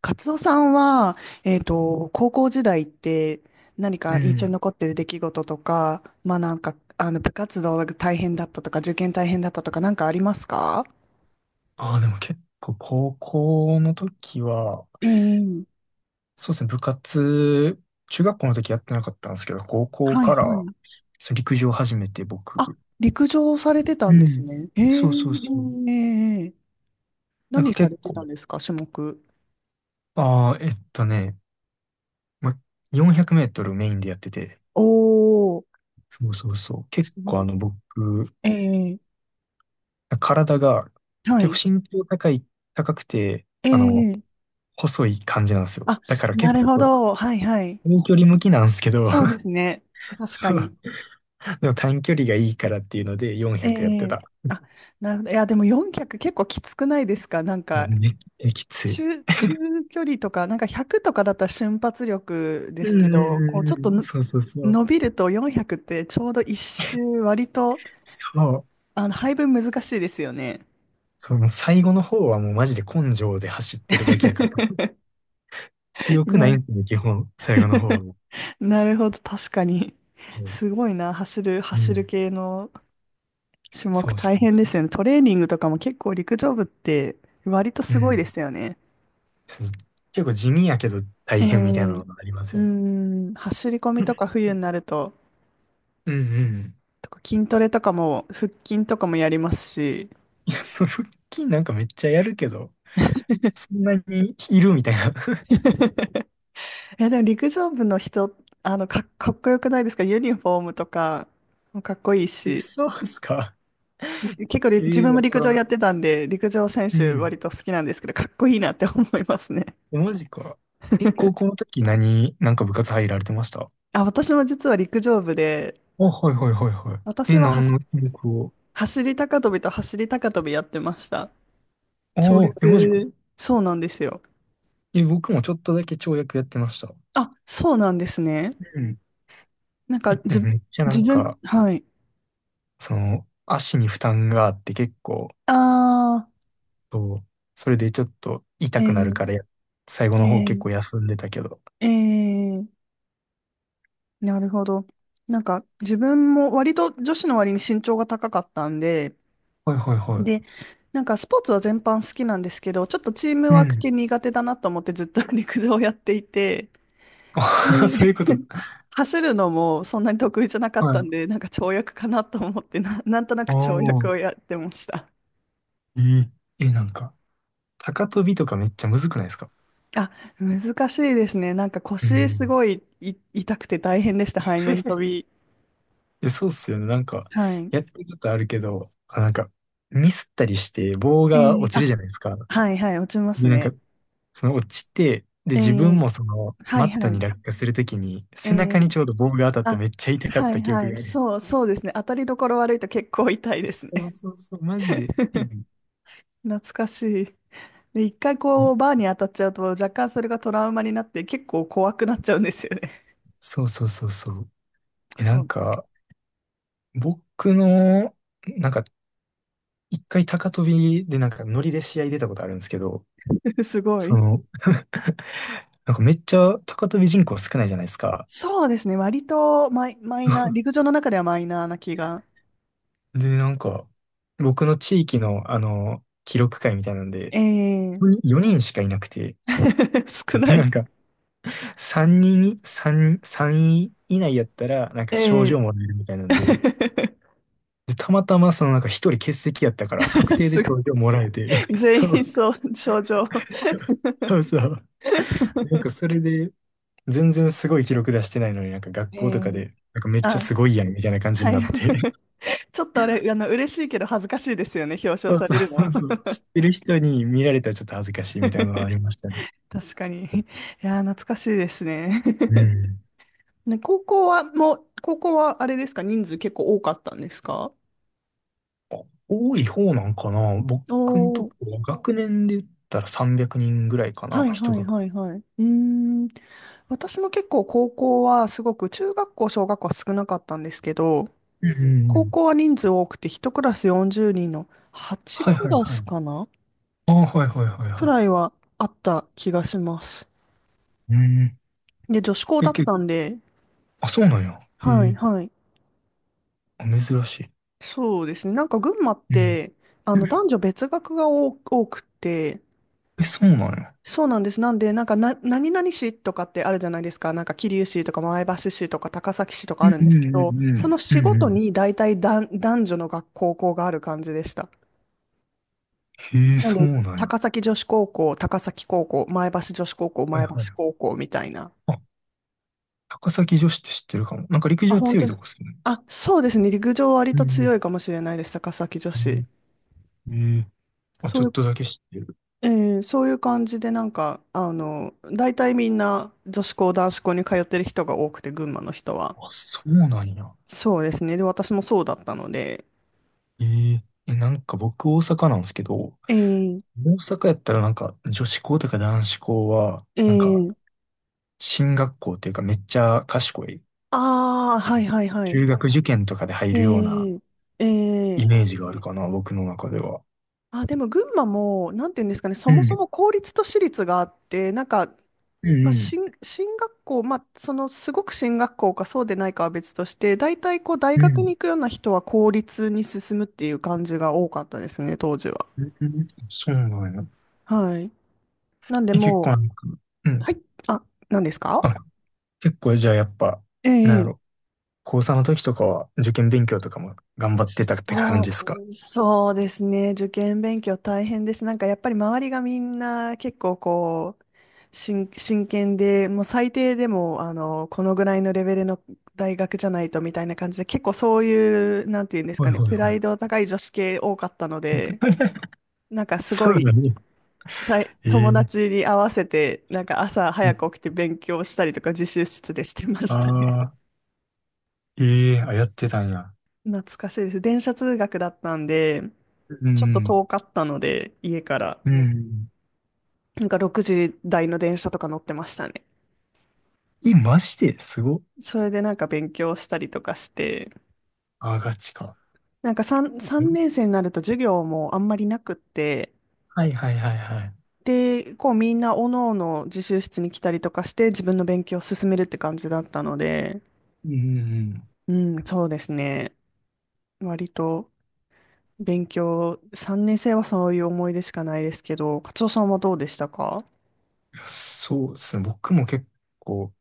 カツオさんは、高校時代って何うか印象にん。残ってる出来事とか、部活動が大変だったとか、受験大変だったとか、なんかありますか？ああ、でも結構高校の時は、ええ、そうですね、部活、中学校の時やってなかったんですけど、高校はいかはらい。そう陸上を始めて僕、あ、陸上されてたうんですん。ね。えええそうそうそう。えええ。なん何かされ結て構、たんですか、種目？ああ、ま、400メートルメインでやってて、おー、そうそうそう、結すご構い。僕、ええ、体がは結い。構身長高い、高くて、ええ、細い感じなんですよ。あ、だからな結るほ構ど。はいはい。遠距離向きなんですけど、そうですね。確かそに。う。でも短距離がいいからっていうのでえ400やってえ、た。あ、なるほど。いや、でも400結構きつくないですか、なんいや、か、めっちゃきつい。中距離とか、なんか100とかだったら瞬発力でうすけんうど、んこう、ちうょっんとうん。のそうそうそう。伸びると400ってちょうど一周割と、そう。配分難しいですよね。その最後の方はもうマジで根性で走ってるだけやから。記憶ないな、んですよね、基本。最後の方はもなるほど、確かに。う。すごいな、う走るん。系の種目そうそ大う変そでう。すよね。トレーニングとかも結構陸上部って割とうすごいでん。すよね。そう、結構地味やけど大ええ、変みたいなうのがありますよね。ん、走り込うみとかん冬になると、うん。とか筋トレとかも、腹筋とかもやりますし、いや、その腹筋なんかめっちゃやるけど、そんなにいるみたいな。え、でも陸上部の人、かっこよくないですかユニフォームとかもかっこいい え、し、そうっすか？結構自分もわ陸から上ん。やってたんで、陸上選う手割ん。と好きなんですけど、かっこいいなって思いますね。マジか。え、高校の時なんか部活入られてました？あ、私も実は陸上部で、あ、はいはいはいはい。私え、はは何しの種目を？走り高跳びやってました。あ跳あ、え、マジか。躍、そうなんですよ。え、僕もちょっとだけ跳躍やってました。あ、そうなんですね。うん。なんか、え、でもめっちゃな自ん分、か、はい。足に負担があって結構、ああ、そう、それでちょっとえ痛くなるー、からや、最後の方結え構休んでたけど。ー、えー、なるほど。なんか、自分も割と女子の割に身長が高かったんで、はいはいはで、い。なんかスポーツは全般好きなんですけど、ちょっとチームうワークん。系苦手だなと思ってずっと 陸上をやっていて、あ そでういうこと。走るのもそんなに得意じゃなかっはたい。んで、なんか跳躍かなと思って、なんとなあく跳躍あ、をやってました。えーえ、なんか、高跳びとかめっちゃむずくないですか？あ、難しいですね。なんかう腰すん。ごい、い痛くて大変でした。背面飛び。え、そうっすよね。なんか、はい。やってることあるけど、あ、なんか、ミスったりして、棒えがえ、落ちあ、るじゃないですか。はいはい、落ちますで、なんか、ね。その落ちて、で、え自分え、もその、はマいットはにい。落下するときに、え背え、中にちょうど棒が当たってあ、めっちゃ痛かっはたい記は憶い。がある。そう、そうですね。当たりどころ悪いと結構痛いですそうね。そうそう、マジで。う ん、懐かしい。で、一回こう、バーに当たっちゃうと、若干それがトラウマになって、結構怖くなっちゃうんですよね。そうそうそうそう。え、なんそか、僕の、なんか、一回高跳びで、なんか、ノリで試合出たことあるんですけど、う。すごそい。の、なんかめっちゃ高跳び人口少ないじゃないですか。そうですね。割とマイナー、陸上の中ではマイナーな気が。で、なんか、僕の地域の、記録会みたいなんで、ええ。 4人しかいなくて、少 なでない。んか、3人、3、3位以内やったら、なんか賞ええ。 状もらえるみたいなんで、で、たまたまそのなんか1人欠席やったから、確定ですご賞い。状もらえて、全そ員う、そう、症状。そうそう。なんかそ れで、全然すごい記録出してないのになんか学え校とかえ、で、なんかめっちゃあ、すごいやんみたいな感じはにい。なって、ちょっとあれ、嬉しいけど恥ずかしいですよね、表 彰そうさそれうるの。そうそう、知ってる人に見られたらちょっと恥ずかしいみたいなのは ありましたね。確かに。いやー、懐かしいですね。う ん。ね、高校はあれですか、人数結構多かったんですか？あ、多い方なんかな。僕のとおこー、は学年で言ったら300人ぐらいかはな。いはいはいはい。うーん。私も結構高校はすごく中学校、小学校は少なかったんですけど、うんうんう高ん。校は人数多くて、1クラス40人の8はいクはいラはスい。かなああ、はいはいはいくらはいはあった気がします。い。うん。で、女子校え、だったんで、あ、そうなんや。へはい、え。はい。あ、珍しい。そうですね。なんか群馬っうん。て、男女別学が多くて、え、そうなんや。そうなんです。なんで、なんかな、何々市とかってあるじゃないですか。なんか桐生市とか前橋市とか高崎市とかうあんるんうでんすけうど、んうそん。のう市んごうとん。に大体男女の学校がある感じでした。へえ、なんで、そうなんや。高崎女子高校、高崎高校、前橋女子高校、はい前橋はい。高校みたいな。あ、高崎女子って知ってるかも。なんか陸あ、上本強当いとに。こっすよね。あ、そうですね。陸上割うんとう強いかもしれないです。高崎女子。んうん。ええ。あ、そちょういっう、とだけ知ってる。えーそういう感じで、なんか、大体みんな女子校、男子校に通ってる人が多くて、群馬の人は。あ、そうなんや。そうですね。で、私もそうだったので。えーえ、なんか僕大阪なんですけど、えー、大阪やったらなんか女子校とか男子校は、えなんかー、進学校っていうかめっちゃ賢い、ああ、はいはいはい。中学受験とかで入えるようなー、えーイメージがあるかな、僕の中では。あ、でも群馬も、なんていうんですかね、そうもそん、も公立と私立があって、なんか、うん、うん、進学校、すごく進学校かそうでないかは別として、大体こう、大学に行くような人は公立に進むっていう感じが多かったですね、当時は。うん、うん。そうなんや。はい。なんでえ、結構もなんか、うう、ん。はい、あ、何ですか？あ、結構じゃあやっぱ、なんやえろ、え、高三の時とかは受験勉強とかも頑張ってたって感じそですか？う、そうですね。受験勉強大変です。なんかやっぱり周りがみんな結構こう、真剣で、もう最低でも、このぐらいのレベルの大学じゃないとみたいな感じで、結構そういう、なんていうんですはかいね、はいプはライい。ド 高い女子系多かったので、なんかすごそうだい、ね。たいえ友ー、達に合わせて、なんか朝早く起きて勉強したりとか自習室でしてましたね。あ、ええ、あ、やってたんや。懐かしいです。電車通学だったんで、うちょっとん。遠かったので、家から、うん。なんか6時台の電車とか乗ってましたね。え、マジですごっ。それでなんか勉強したりとかして、あ、ガチか。なんか 3年生になると授業もあんまりなくって、はいはいはいはいはい。で、こうみんなおのおの自習室に来たりとかして自分の勉強を進めるって感じだったので、うん。うん、そうですね。割と勉強、3年生はそういう思い出しかないですけど、カツオさんはどうでしたか？そうですね。僕も結構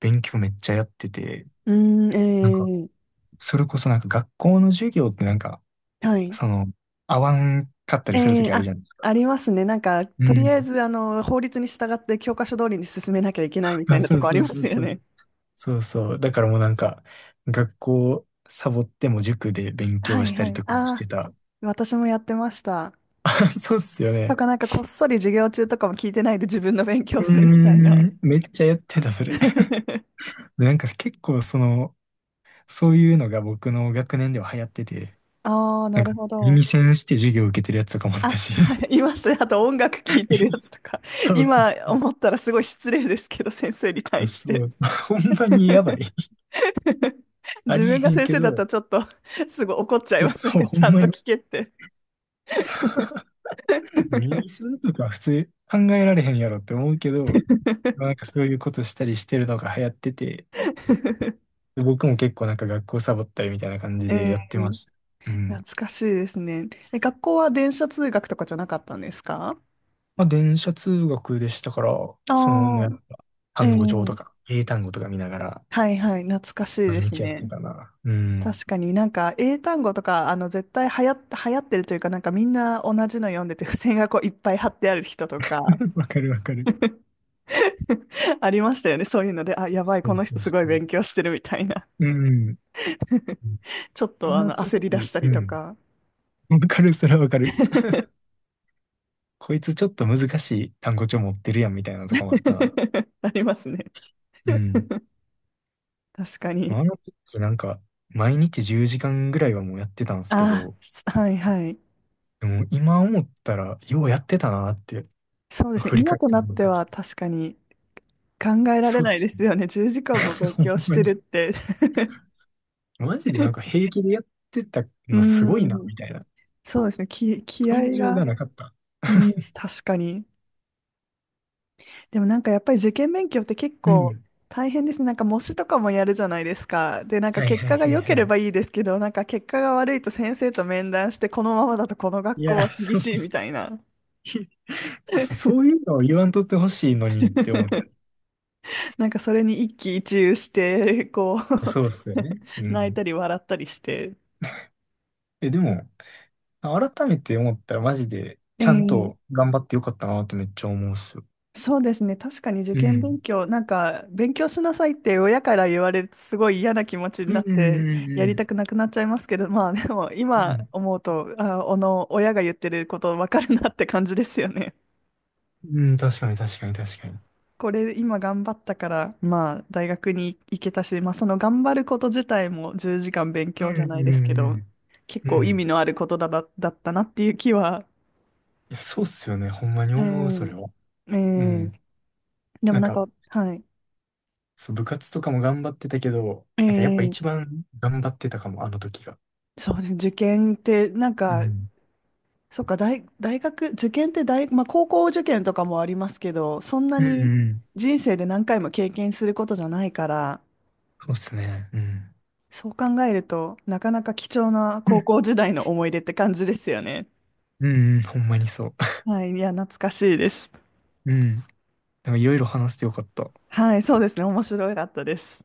勉強めっちゃやってて、うーなんか、ん、えそれこそなんか学校の授業ってなんか、はい。その、合わんかったりするとええ、きあるあ、じゃないですか。ありますね。なんか、うとりあえん。ず、法律に従って教科書通りに進めなきゃいけないあ、みたいなそとうこあそりうまそうすよそう。ね。そうそう。だからもうなんか、学校サボっても塾で 勉は強しいたはりい。とかもしああ、てた。私もやってました。そうっすよとね。か、なんか、こっそり授業中とかも聞いてないで自分の勉う強ーするみたいな。ん、めっちゃやってた、それ。で、なんか結構そういうのが僕の学年では流行ってて、ああ、ななんかるほど。耳栓して授業受けてるやつとかもあっあ、た し。はい、いましたね。あと、音楽聴いてるや つとか。そうそ今思ったらすごい失礼ですけど、先生に対う。しそて。うそう。ほんまにやばい。あ自りえ分へがん先け生だったらど、ちょっとすぐ怒っちゃいいや、ますね。そう、ほちんゃんまとに。聞けって。そう。耳栓とか普通考えられへんやろって思うけど、なんかそういうことしたりしてるのが流行ってて、で僕も結構なんか学校サボったりみたいな感じでえやってまー、した。うん。懐かしいですね。え、学校は電車通学とかじゃなかったんですか？まあ、電車通学でしたから、もうああやっー、ぱ、え単語帳とー、か、英単語とか見ながら、はいはい、懐かしい毎です日やってね。たな。うん。確かになんか英単語とか、絶対流行ってるというか、なんかみんな同じの読んでて、付箋がこういっぱい貼ってある人とか、わかるわかる。ありましたよね。そういうので、あ、やばい、そこうのそ人うすそごいう。勉強してるみたいな。うん。ちょっあとの時、焦り出したうりとん。か。わかる、それはわかる。こいつちょっと難しい単語帳持ってるやんみたいなのとかもあったな。ありますね。うん。確かに。あの時なんか、毎日10時間ぐらいはもうやってたんですけあど、あ、はいはい。でも今思ったら、ようやってたなって、そうですね。振り今返っとてなっもらってた。は確かに考えられそうっないすでね。すよね。10時間も 勉ほん強しまてるっに。て。マジでなんか 平気でやってたうのすごいな、ん。みたいな。そうですね。気感合情が。がなかった。うん。確かに。でもなんかやっぱり受験勉強って結う構ん。大変ですね。なんか模試とかもやるじゃないですか。で、なんかはい結はい果がはい良けはれい。ばいいですけど、なんか結果が悪いと先生と面談して、このままだとこのい学校や、は厳そうしそいうみたそいな。う。そうそういうのを言わんとってほしいのにって思っ なんかそれに一喜一憂して、こた。う そうっすよね。う泣いん。たり笑ったりして。え、でも、改めて思ったらマジで、ちゃんえとえ、頑張ってよかったなってめっちゃ思うっすよ。そうですね。確かに受う験勉ん。強、なんか勉強しなさいって親から言われるとすごい嫌な気持ちにうなんってうやりんたくなくなっちゃいますけど、まあでもうんう今ん。思うと、あ、あの親が言ってることわかるなって感じですよね。うん、うん、確かに確かに確かに。これ今頑張ったから、まあ大学に行けたし、まあその頑張ること自体も10時間勉う強じんゃうないですけんど、結うん。う構意味ん。のあることだったなっていう気は。いや、そうっすよね。ほんまにう思う、そん。れは。えうえ、ん。でなもんなんか、か、はい。そう、部活とかも頑張ってたけど、なんかやっぱえ一え、番頑張ってたかも、あの時が。そうですね。受験って、なんうか、ん。そっか、大学、受験ってまあ高校受験とかもありますけど、そんなうんにうん。人生で何回も経験することじゃないから、そうっすね。うん。そう考えると、なかなか貴重なう高校時代の思い出って感じですよね。んうん。ほんまにそう。はい。いや、懐かしいです。うん。なんかいろいろ話してよかった。はい。そうですね。面白かったです。